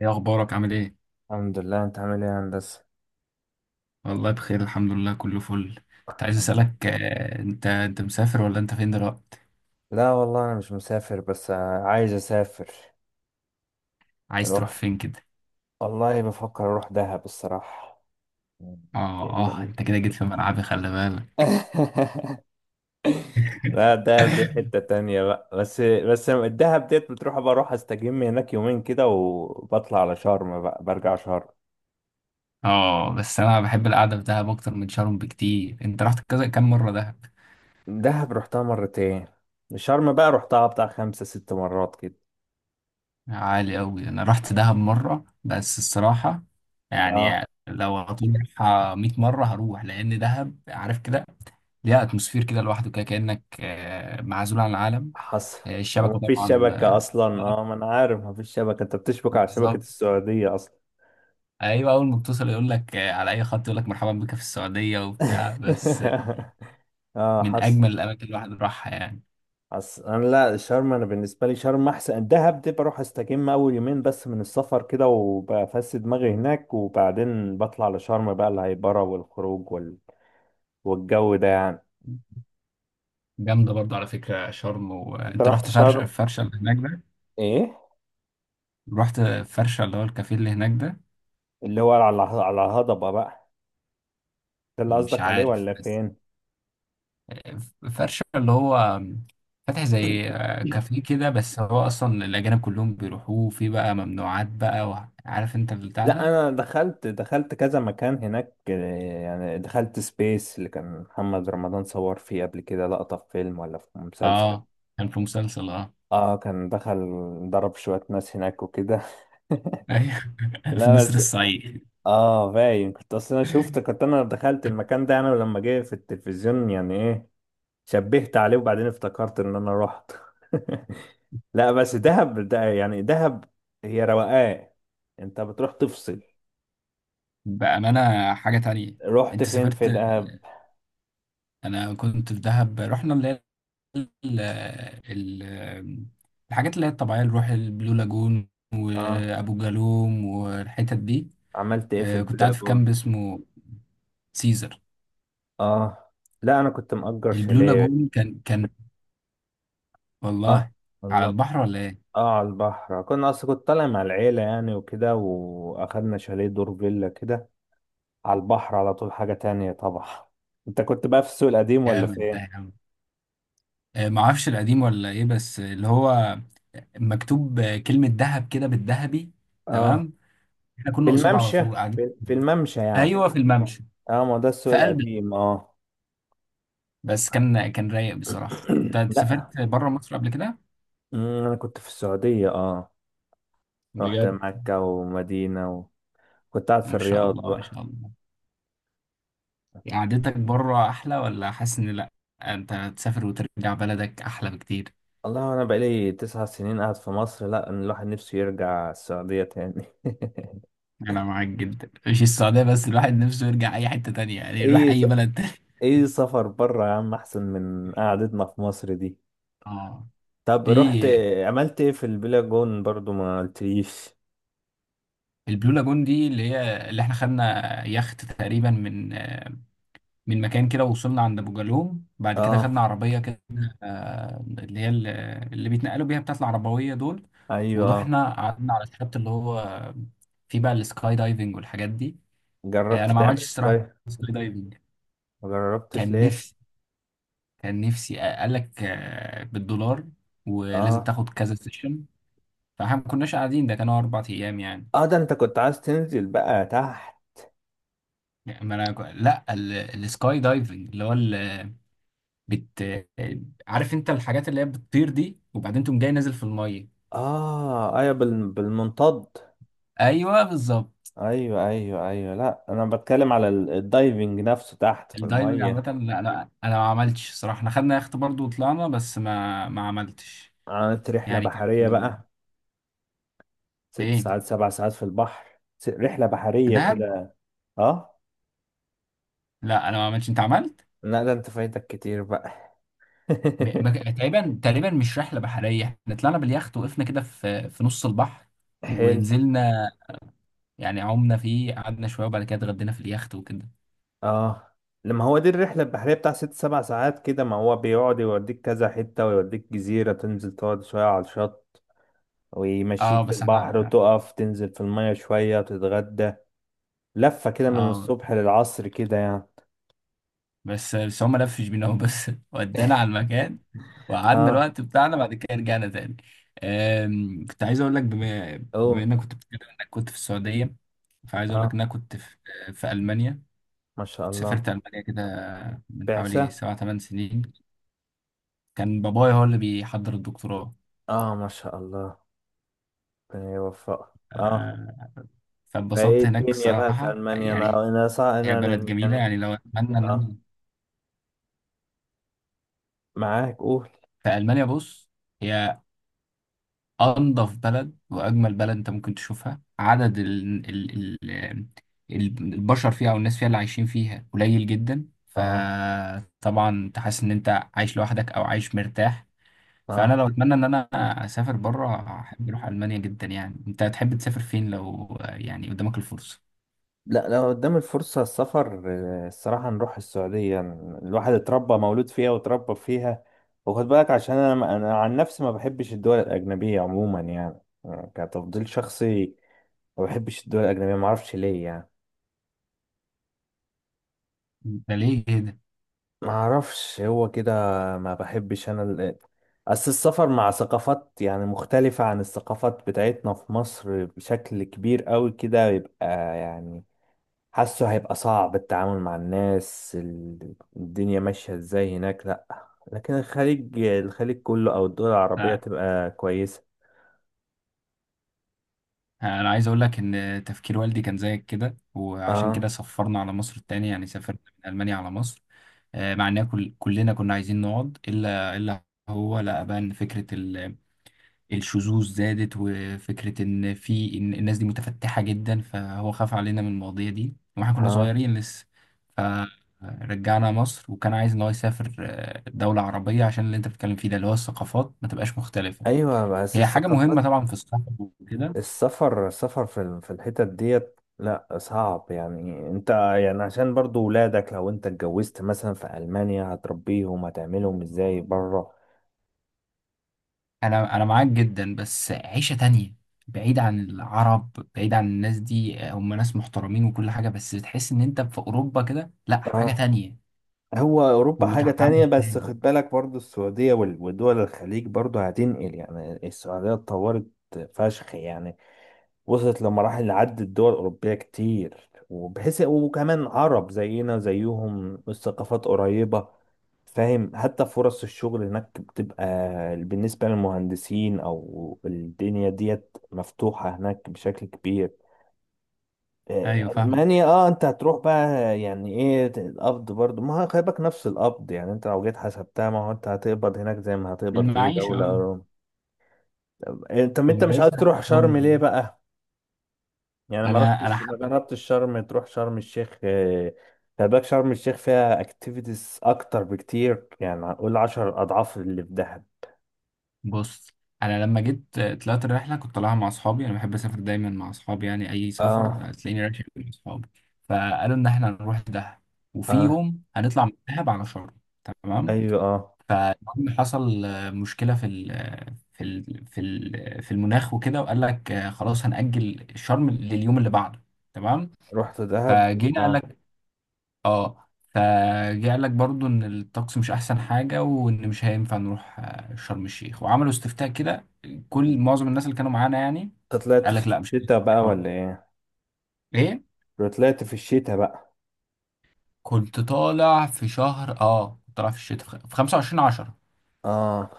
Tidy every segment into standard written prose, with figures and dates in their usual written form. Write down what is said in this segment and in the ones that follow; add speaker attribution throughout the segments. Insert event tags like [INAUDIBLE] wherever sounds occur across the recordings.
Speaker 1: ايه اخبارك؟ عامل ايه؟
Speaker 2: الحمد لله، انت عامل ايه يا هندسة؟
Speaker 1: والله بخير، الحمد لله كله فل. كنت عايز
Speaker 2: الحمد.
Speaker 1: اسالك انت مسافر ولا انت فين دلوقتي؟
Speaker 2: لا والله انا مش مسافر، بس عايز اسافر.
Speaker 1: عايز تروح
Speaker 2: نروح.
Speaker 1: فين كده؟
Speaker 2: والله بفكر اروح دهب الصراحة. [LAUGHS]
Speaker 1: اه اه، انت كده جيت في ملعبي، خلي بالك.
Speaker 2: لا،
Speaker 1: [LAUGHS]
Speaker 2: دهب دي حتة تانية بقى، بس الدهب ديت بتروح، بروح استجم هناك يومين كده وبطلع على شرم بقى، برجع شرم.
Speaker 1: اه، بس انا بحب القعده في دهب اكتر من شرم بكتير. انت رحت كذا كام مره دهب؟
Speaker 2: دهب رحتها مرتين. شرم بقى رحتها بتاع 5 6 مرات كده.
Speaker 1: عالي قوي. انا رحت دهب مره بس الصراحه،
Speaker 2: اه،
Speaker 1: يعني لو هطول 100 مره هروح، لان دهب، عارف كده، ليها اتموسفير كده لوحده، كده كانك معزول عن العالم.
Speaker 2: حصل.
Speaker 1: الشبكة
Speaker 2: ومفيش
Speaker 1: طبعا.
Speaker 2: شبكة أصلا.
Speaker 1: آه،
Speaker 2: اه، ما أنا عارف مفيش شبكة، أنت بتشبك على شبكة
Speaker 1: بالظبط.
Speaker 2: السعودية أصلا.
Speaker 1: ايوه، اول ما بتوصل يقول لك على اي خط يقول لك مرحبا بك في السعوديه وبتاع، بس
Speaker 2: [LAUGHS] اه،
Speaker 1: من
Speaker 2: حصل.
Speaker 1: اجمل الاماكن اللي الواحد راحها يعني.
Speaker 2: حصل. أنا لا، شرم. أنا بالنسبة لي شرم أحسن. الدهب دي بروح أستجم أول يومين بس من السفر كده وبفس دماغي هناك، وبعدين بطلع لشرم بقى، الهيبرة والخروج والجو ده يعني.
Speaker 1: جامده برضو على فكره شرم.
Speaker 2: أنت
Speaker 1: وانت
Speaker 2: رحت
Speaker 1: رحت فرش،
Speaker 2: شرم؟
Speaker 1: فرشه اللي هناك ده؟
Speaker 2: إيه؟
Speaker 1: رحت فرشه اللي هو الكافيه اللي هناك ده.
Speaker 2: اللي هو على الهضبة بقى، ده اللي
Speaker 1: مش
Speaker 2: قصدك عليه
Speaker 1: عارف
Speaker 2: ولا
Speaker 1: بس
Speaker 2: فين؟
Speaker 1: فرشه اللي هو فاتح زي كافيه كده، بس هو اصلا الاجانب كلهم بيروحوه، في بقى ممنوعات بقى، وعارف انت البتاع
Speaker 2: لا،
Speaker 1: ده.
Speaker 2: انا دخلت كذا مكان هناك. يعني دخلت سبيس، اللي كان محمد رمضان صور فيه قبل كده لقطة في فيلم ولا في مسلسل.
Speaker 1: اه، كان في مسلسل اه.
Speaker 2: اه، كان دخل ضرب شوية ناس هناك وكده. [LAUGHS]
Speaker 1: [LAUGHS] ايوه، في
Speaker 2: لا
Speaker 1: نسر
Speaker 2: بس.
Speaker 1: الصعيد.
Speaker 2: اه، باين كنت اصلا، انا شفت كنت، انا دخلت المكان ده انا لما جه في التلفزيون يعني، ايه، شبهت عليه وبعدين افتكرت ان انا رحت. [LAUGHS] لا بس دهب ده يعني دهب. هي روقان. انت بتروح تفصل.
Speaker 1: بأمانة حاجة تانية.
Speaker 2: رحت
Speaker 1: انت
Speaker 2: فين في
Speaker 1: سافرت؟
Speaker 2: دهب؟
Speaker 1: انا كنت في دهب، رحنا اللي هي ال- ال- الحاجات اللي هي الطبيعية، اللي نروح البلو لاجون
Speaker 2: اه.
Speaker 1: وابو جالوم والحتت دي.
Speaker 2: عملت ايه في
Speaker 1: كنت قاعد
Speaker 2: البلاي
Speaker 1: في
Speaker 2: جون؟
Speaker 1: كامب اسمه سيزر.
Speaker 2: اه. لا انا كنت مأجر
Speaker 1: البلو
Speaker 2: شاليه.
Speaker 1: لاجون كان
Speaker 2: اه.
Speaker 1: والله على
Speaker 2: والله
Speaker 1: البحر ولا ايه؟
Speaker 2: اه، على البحر. كنا اصلا كنت طالع مع العيلة يعني وكده، واخدنا شاليه دور فيلا كده، على البحر على طول. حاجة تانية طبعا. انت كنت بقى في السوق القديم ولا في
Speaker 1: جامد ده
Speaker 2: ايه؟
Speaker 1: يا عم. معرفش القديم ولا ايه، بس اللي هو مكتوب كلمة دهب كده بالذهبي.
Speaker 2: اه،
Speaker 1: تمام. احنا
Speaker 2: في
Speaker 1: كنا قصاد على
Speaker 2: الممشى.
Speaker 1: طول قاعدين.
Speaker 2: في الممشى يعني.
Speaker 1: ايوه، في الممشى.
Speaker 2: اه، ما ده السوق
Speaker 1: في قلب،
Speaker 2: القديم، اه.
Speaker 1: بس كان كان رايق بصراحة. انت،
Speaker 2: [CLEARS THROAT]
Speaker 1: أنت
Speaker 2: لا.
Speaker 1: سافرت بره مصر قبل كده؟
Speaker 2: مم، انا كنت في السعودية، اه. رحت
Speaker 1: بجد؟
Speaker 2: مكة ومدينة، وكنت قاعد في
Speaker 1: ما شاء
Speaker 2: الرياض
Speaker 1: الله، ما
Speaker 2: بقى.
Speaker 1: شاء الله. يعني قعدتك بره احلى، ولا حاسس ان لا، انت تسافر وترجع بلدك احلى بكتير؟
Speaker 2: والله انا بقالي 9 سنين قاعد في مصر. لا، أنا الواحد نفسه يرجع السعودية تاني.
Speaker 1: انا معاك جدا. مش السعودية بس، الواحد نفسه يرجع اي حتة تانية،
Speaker 2: [LAUGHS]
Speaker 1: يعني يروح
Speaker 2: ايه س-
Speaker 1: اي بلد تاني.
Speaker 2: ايه، سفر بره يا عم احسن من قعدتنا في مصر دي.
Speaker 1: [LAUGHS] اه.
Speaker 2: طب رحت
Speaker 1: في
Speaker 2: عملت ايه في البلاجون برضو، ما قلتليش.
Speaker 1: البلو لاجون دي اللي هي، اللي احنا خدنا يخت تقريبا من مكان كده، وصلنا عند ابو جالوم، بعد كده
Speaker 2: اه،
Speaker 1: خدنا عربيه كده، اللي هي اللي بيتنقلوا بيها، بتاعت العربويه دول.
Speaker 2: ايوه.
Speaker 1: ورحنا قعدنا على الشط اللي هو فيه بقى السكاي دايفنج والحاجات دي.
Speaker 2: جربت
Speaker 1: انا ما
Speaker 2: تعمل
Speaker 1: عملتش الصراحه
Speaker 2: سكاي؟
Speaker 1: سكاي دايفنج.
Speaker 2: ما جربتش
Speaker 1: كان
Speaker 2: ليه؟
Speaker 1: نفسي، كان نفسي قال لك بالدولار، ولازم
Speaker 2: اه،
Speaker 1: تاخد كذا سيشن، فاحنا ما كناش قاعدين، ده كانوا اربع ايام يعني.
Speaker 2: اه. ده انت كنت عايز تنزل بقى تحت.
Speaker 1: يعني، ما انا لا، السكاي دايفنج اللي هو بت عارف انت الحاجات اللي هي بتطير دي، وبعدين تقوم جاي نازل في الميه.
Speaker 2: اه، ايوه، بالمنطاد.
Speaker 1: ايوه، بالظبط.
Speaker 2: ايوه، ايوه، ايوه، لا انا بتكلم على الدايفنج نفسه تحت في
Speaker 1: الدايفنج عامه،
Speaker 2: المية.
Speaker 1: لا انا ما عملتش صراحه. احنا خدنا يخت برضه وطلعنا، بس ما عملتش.
Speaker 2: عملت رحلة
Speaker 1: يعني كان.
Speaker 2: بحرية بقى، ست
Speaker 1: فين،
Speaker 2: ساعات سبع ساعات في البحر، رحلة
Speaker 1: في
Speaker 2: بحرية
Speaker 1: دهب؟
Speaker 2: كده. اه.
Speaker 1: لا انا ما عملتش، انت عملت؟
Speaker 2: لا، ده انت فايتك كتير بقى.
Speaker 1: ما ك-
Speaker 2: [LAUGHS]
Speaker 1: تقريبا، تقريبا مش رحله بحريه، احنا طلعنا باليخت، وقفنا كده في نص البحر
Speaker 2: حلو.
Speaker 1: ونزلنا، يعني عمنا فيه، قعدنا شويه، وبعد كده اتغدينا في اليخت وكده.
Speaker 2: اه، لما هو دي الرحلة البحرية بتاع 6 7 ساعات كده، ما هو بيقعد يوديك كذا حتة، ويوديك جزيرة تنزل تقعد شوية على الشط،
Speaker 1: اه
Speaker 2: ويمشيك في
Speaker 1: بس احنا،
Speaker 2: البحر وتقف تنزل في المية شوية وتتغدى، لفة كده من
Speaker 1: اه،
Speaker 2: الصبح للعصر كده يعني.
Speaker 1: بس هم لفش بينا هو، بس [LAUGHS] ودانا على المكان وقعدنا
Speaker 2: اه.
Speaker 1: الوقت بتاعنا، بعد كده رجعنا تاني. كنت عايز اقول لك، بما
Speaker 2: اوه.
Speaker 1: بما انك كنت بتتكلم انك كنت في السعوديه، فعايز اقول لك ان
Speaker 2: اه.
Speaker 1: انا كنت في في المانيا.
Speaker 2: ما شاء
Speaker 1: كنت
Speaker 2: الله.
Speaker 1: سافرت المانيا كده من حوالي
Speaker 2: بعثة؟
Speaker 1: سبع ثمان سنين. كان بابايا هو اللي بيحضر الدكتوراه.
Speaker 2: اه، ما شاء الله، ربنا يوفقك. اه.
Speaker 1: أه،
Speaker 2: فايه
Speaker 1: فاتبسطت هناك
Speaker 2: الدنيا بقى في
Speaker 1: الصراحه
Speaker 2: المانيا؟
Speaker 1: يعني.
Speaker 2: انا انا صع...
Speaker 1: هي
Speaker 2: انا
Speaker 1: بلد جميله
Speaker 2: يعني.
Speaker 1: يعني، لو اتمنى ان انا
Speaker 2: اه. معاك، قول.
Speaker 1: في المانيا. بص، هي انضف بلد واجمل بلد انت ممكن تشوفها. عدد ال البشر فيها، او الناس فيها اللي عايشين فيها، قليل جدا،
Speaker 2: اه،
Speaker 1: فطبعا انت حاسس ان انت عايش لوحدك او عايش مرتاح. فانا
Speaker 2: اه.
Speaker 1: لو اتمنى ان انا اسافر بره، احب اروح المانيا جدا يعني. انت تحب تسافر فين لو يعني قدامك الفرصه؟
Speaker 2: لا، لو قدام الفرصة السفر، الصراحة نروح السعودية. الواحد اتربى، مولود فيها واتربى فيها. وخد بالك عشان انا عن نفسي ما بحبش الدول الأجنبية عموما يعني، كتفضيل شخصي. ما بحبش الدول الأجنبية، ما اعرفش ليه يعني.
Speaker 1: ده ليه كده؟
Speaker 2: ما اعرفش، هو كده. ما بحبش انا اصل السفر مع ثقافات يعني مختلفة عن الثقافات بتاعتنا في مصر بشكل كبير قوي كده، يبقى يعني، حاسه هيبقى صعب التعامل مع الناس، الدنيا ماشية ازاي هناك، لا. لكن الخليج، الخليج كله او الدول العربية
Speaker 1: لا،
Speaker 2: تبقى كويسة.
Speaker 1: انا عايز اقول لك ان تفكير والدي كان زيك كده، وعشان كده
Speaker 2: اه،
Speaker 1: سفرنا على مصر التانية، يعني سافرنا من المانيا على مصر. مع إننا كلنا كنا عايزين نقعد، إلا هو لقى بقى إن فكرة الشذوذ زادت، وفكرة إن في، إن الناس دي متفتحة جدا، فهو خاف علينا من المواضيع دي وإحنا كنا
Speaker 2: اه،
Speaker 1: صغيرين لسه. فرجعنا مصر، وكان عايز إن هو يسافر دولة عربية، عشان اللي أنت بتتكلم فيه ده، اللي هو الثقافات ما تبقاش مختلفة.
Speaker 2: ايوه، بس
Speaker 1: هي حاجة
Speaker 2: الثقافات،
Speaker 1: مهمة طبعا في السفر وكده.
Speaker 2: السفر في في الحتت ديت لا، صعب يعني، انت يعني عشان برضو ولادك لو انت اتجوزت مثلا في ألمانيا هتربيهم، هتعملهم ازاي بره؟
Speaker 1: انا معاك جدا، بس عيشه تانية، بعيد عن العرب، بعيد عن الناس دي. هم ناس محترمين وكل حاجه، بس بتحس ان انت في اوروبا كده، لا حاجه
Speaker 2: اه.
Speaker 1: تانية
Speaker 2: هو اوروبا حاجة تانية،
Speaker 1: وتعامل
Speaker 2: بس
Speaker 1: تاني.
Speaker 2: خد بالك برضو السعودية ودول الخليج برضو هتنقل، يعني السعودية اتطورت فشخ يعني، وصلت لمراحل عدت دول أوروبية كتير، وبحيث وكمان عرب زينا زيهم، الثقافات قريبة. فاهم، حتى فرص الشغل هناك بتبقى بالنسبة للمهندسين، أو الدنيا ديت مفتوحة هناك بشكل كبير.
Speaker 1: ايوه، فاهم.
Speaker 2: ألمانيا، اه، انت هتروح بقى يعني، ايه القبض برضو؟ ما هو خلي بالك نفس القبض يعني، انت لو جيت حسبتها، ما هو انت هتقبض هناك زي ما هتقبض في اي
Speaker 1: المعيشه،
Speaker 2: دولة.
Speaker 1: اه،
Speaker 2: انت مش عايز
Speaker 1: المعيشه
Speaker 2: تروح
Speaker 1: هناك برضه
Speaker 2: شرم ليه
Speaker 1: جميلة.
Speaker 2: بقى؟ يعني ما
Speaker 1: انا
Speaker 2: رحتش ما
Speaker 1: حب.
Speaker 2: جربتش شرم، تروح شرم الشيخ. خلي بالك شرم الشيخ فيها اكتيفيتيز اكتر بكتير، يعني هنقول 10 اضعاف اللي في دهب.
Speaker 1: بص، انا لما جيت طلعت الرحله، كنت طالعها مع اصحابي. انا بحب اسافر دايما مع اصحابي، يعني اي سفر
Speaker 2: اه،
Speaker 1: هتلاقيني رايح مع اصحابي. فقالوا ان احنا هنروح دهب، وفي
Speaker 2: اه،
Speaker 1: يوم هنطلع من دهب على شرم. تمام.
Speaker 2: ايوه، اه.
Speaker 1: فالمهم حصل مشكلة في ال آه، في في ال في المناخ وكده، وقال لك خلاص هنأجل الشرم لليوم اللي بعده. تمام.
Speaker 2: رحت دهب،
Speaker 1: فجينا قال
Speaker 2: اه.
Speaker 1: لك، اه، فجه قال لك برضو ان الطقس مش احسن حاجة، وان مش هينفع نروح شرم الشيخ، وعملوا استفتاء كده. معظم الناس اللي كانوا معانا يعني
Speaker 2: انت طلعت
Speaker 1: قال
Speaker 2: في
Speaker 1: لك لا، مش
Speaker 2: الشتاء بقى
Speaker 1: هينفع شرم.
Speaker 2: ولا ايه؟
Speaker 1: ايه،
Speaker 2: لو طلعت في الشتاء بقى؟
Speaker 1: كنت طالع في شهر، اه، كنت طالع في الشتاء، في 25/10.
Speaker 2: اه،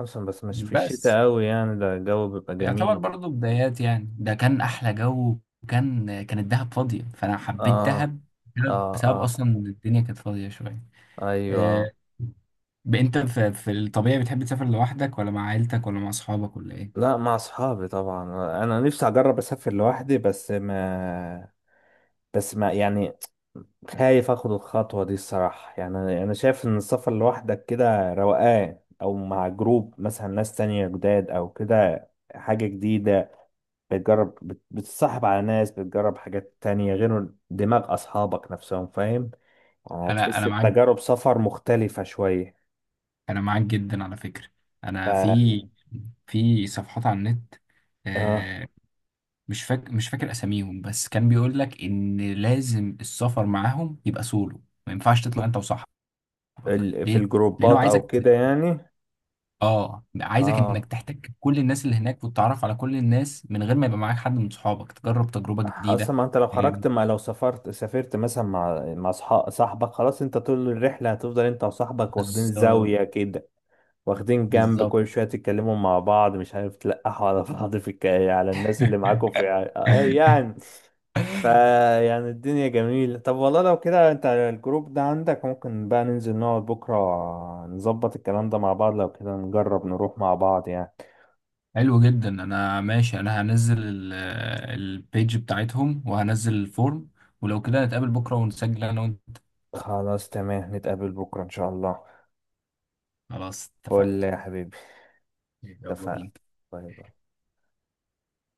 Speaker 2: اصلا بس مش في
Speaker 1: بس
Speaker 2: الشتاء قوي يعني، ده الجو بيبقى
Speaker 1: يعتبر
Speaker 2: جميل.
Speaker 1: برضو بدايات يعني، ده كان احلى جو، وكان الدهب فاضيه، فانا حبيت
Speaker 2: اه،
Speaker 1: دهب
Speaker 2: اه،
Speaker 1: بسبب
Speaker 2: اه،
Speaker 1: اصلا إن الدنيا كانت فاضيه شويه.
Speaker 2: ايوه.
Speaker 1: آه، انت في, في الطبيعي بتحب تسافر لوحدك ولا مع عيلتك ولا مع اصحابك ولا ايه؟
Speaker 2: لا، مع اصحابي طبعا. انا نفسي اجرب اسافر لوحدي، بس ما يعني، خايف اخد الخطوة دي الصراحة، يعني انا شايف ان السفر لوحدك كده روقان، او مع جروب مثلا ناس تانية جداد او كده، حاجة جديدة. بتجرب، بتتصاحب على ناس، بتجرب حاجات تانية غير دماغ اصحابك نفسهم، فاهم، يعني
Speaker 1: انا
Speaker 2: هتحس
Speaker 1: انا معاك،
Speaker 2: بتجارب سفر مختلفة شوية.
Speaker 1: انا معاك جدا على فكره.
Speaker 2: ف
Speaker 1: انا في صفحات على النت
Speaker 2: اه،
Speaker 1: آه، مش فاكر مش فاكر اساميهم، بس كان بيقول لك ان لازم السفر معاهم يبقى سولو، ما ينفعش تطلع انت وصاحبك.
Speaker 2: في
Speaker 1: ليه؟ لانه
Speaker 2: الجروبات او
Speaker 1: عايزك،
Speaker 2: كده يعني.
Speaker 1: اه عايزك انك
Speaker 2: اه،
Speaker 1: تحتك كل الناس اللي هناك، وتتعرف على كل الناس من غير ما يبقى معاك حد من صحابك، تجرب تجربة جديدة.
Speaker 2: اصلا ما انت لو خرجت،
Speaker 1: إيه،
Speaker 2: ما لو سافرت مثلا مع صاحبك، خلاص انت طول الرحله هتفضل انت وصاحبك واخدين
Speaker 1: بالظبط.
Speaker 2: زاويه كده، واخدين جنب،
Speaker 1: بالظبط.
Speaker 2: كل شويه تتكلموا مع بعض، مش عارف تلقحوا على بعض في على الناس اللي معاكم في.
Speaker 1: [LAUGHS]
Speaker 2: يعني، فا يعني الدنيا جميله. طب والله لو كده انت الجروب ده عندك، ممكن بقى ننزل نقعد بكره نظبط الكلام ده مع بعض، لو كده نجرب نروح مع بعض يعني.
Speaker 1: حلو جدا، انا ماشي. انا هنزل البيج بتاعتهم وهنزل الفورم، ولو كده نتقابل بكرة ونسجل انا وانت.
Speaker 2: خلاص تمام، نتقابل بكره ان شاء الله.
Speaker 1: خلاص
Speaker 2: قول
Speaker 1: اتفقنا.
Speaker 2: لي يا حبيبي.
Speaker 1: يلا
Speaker 2: اتفقنا.
Speaker 1: بينا.
Speaker 2: باي باي.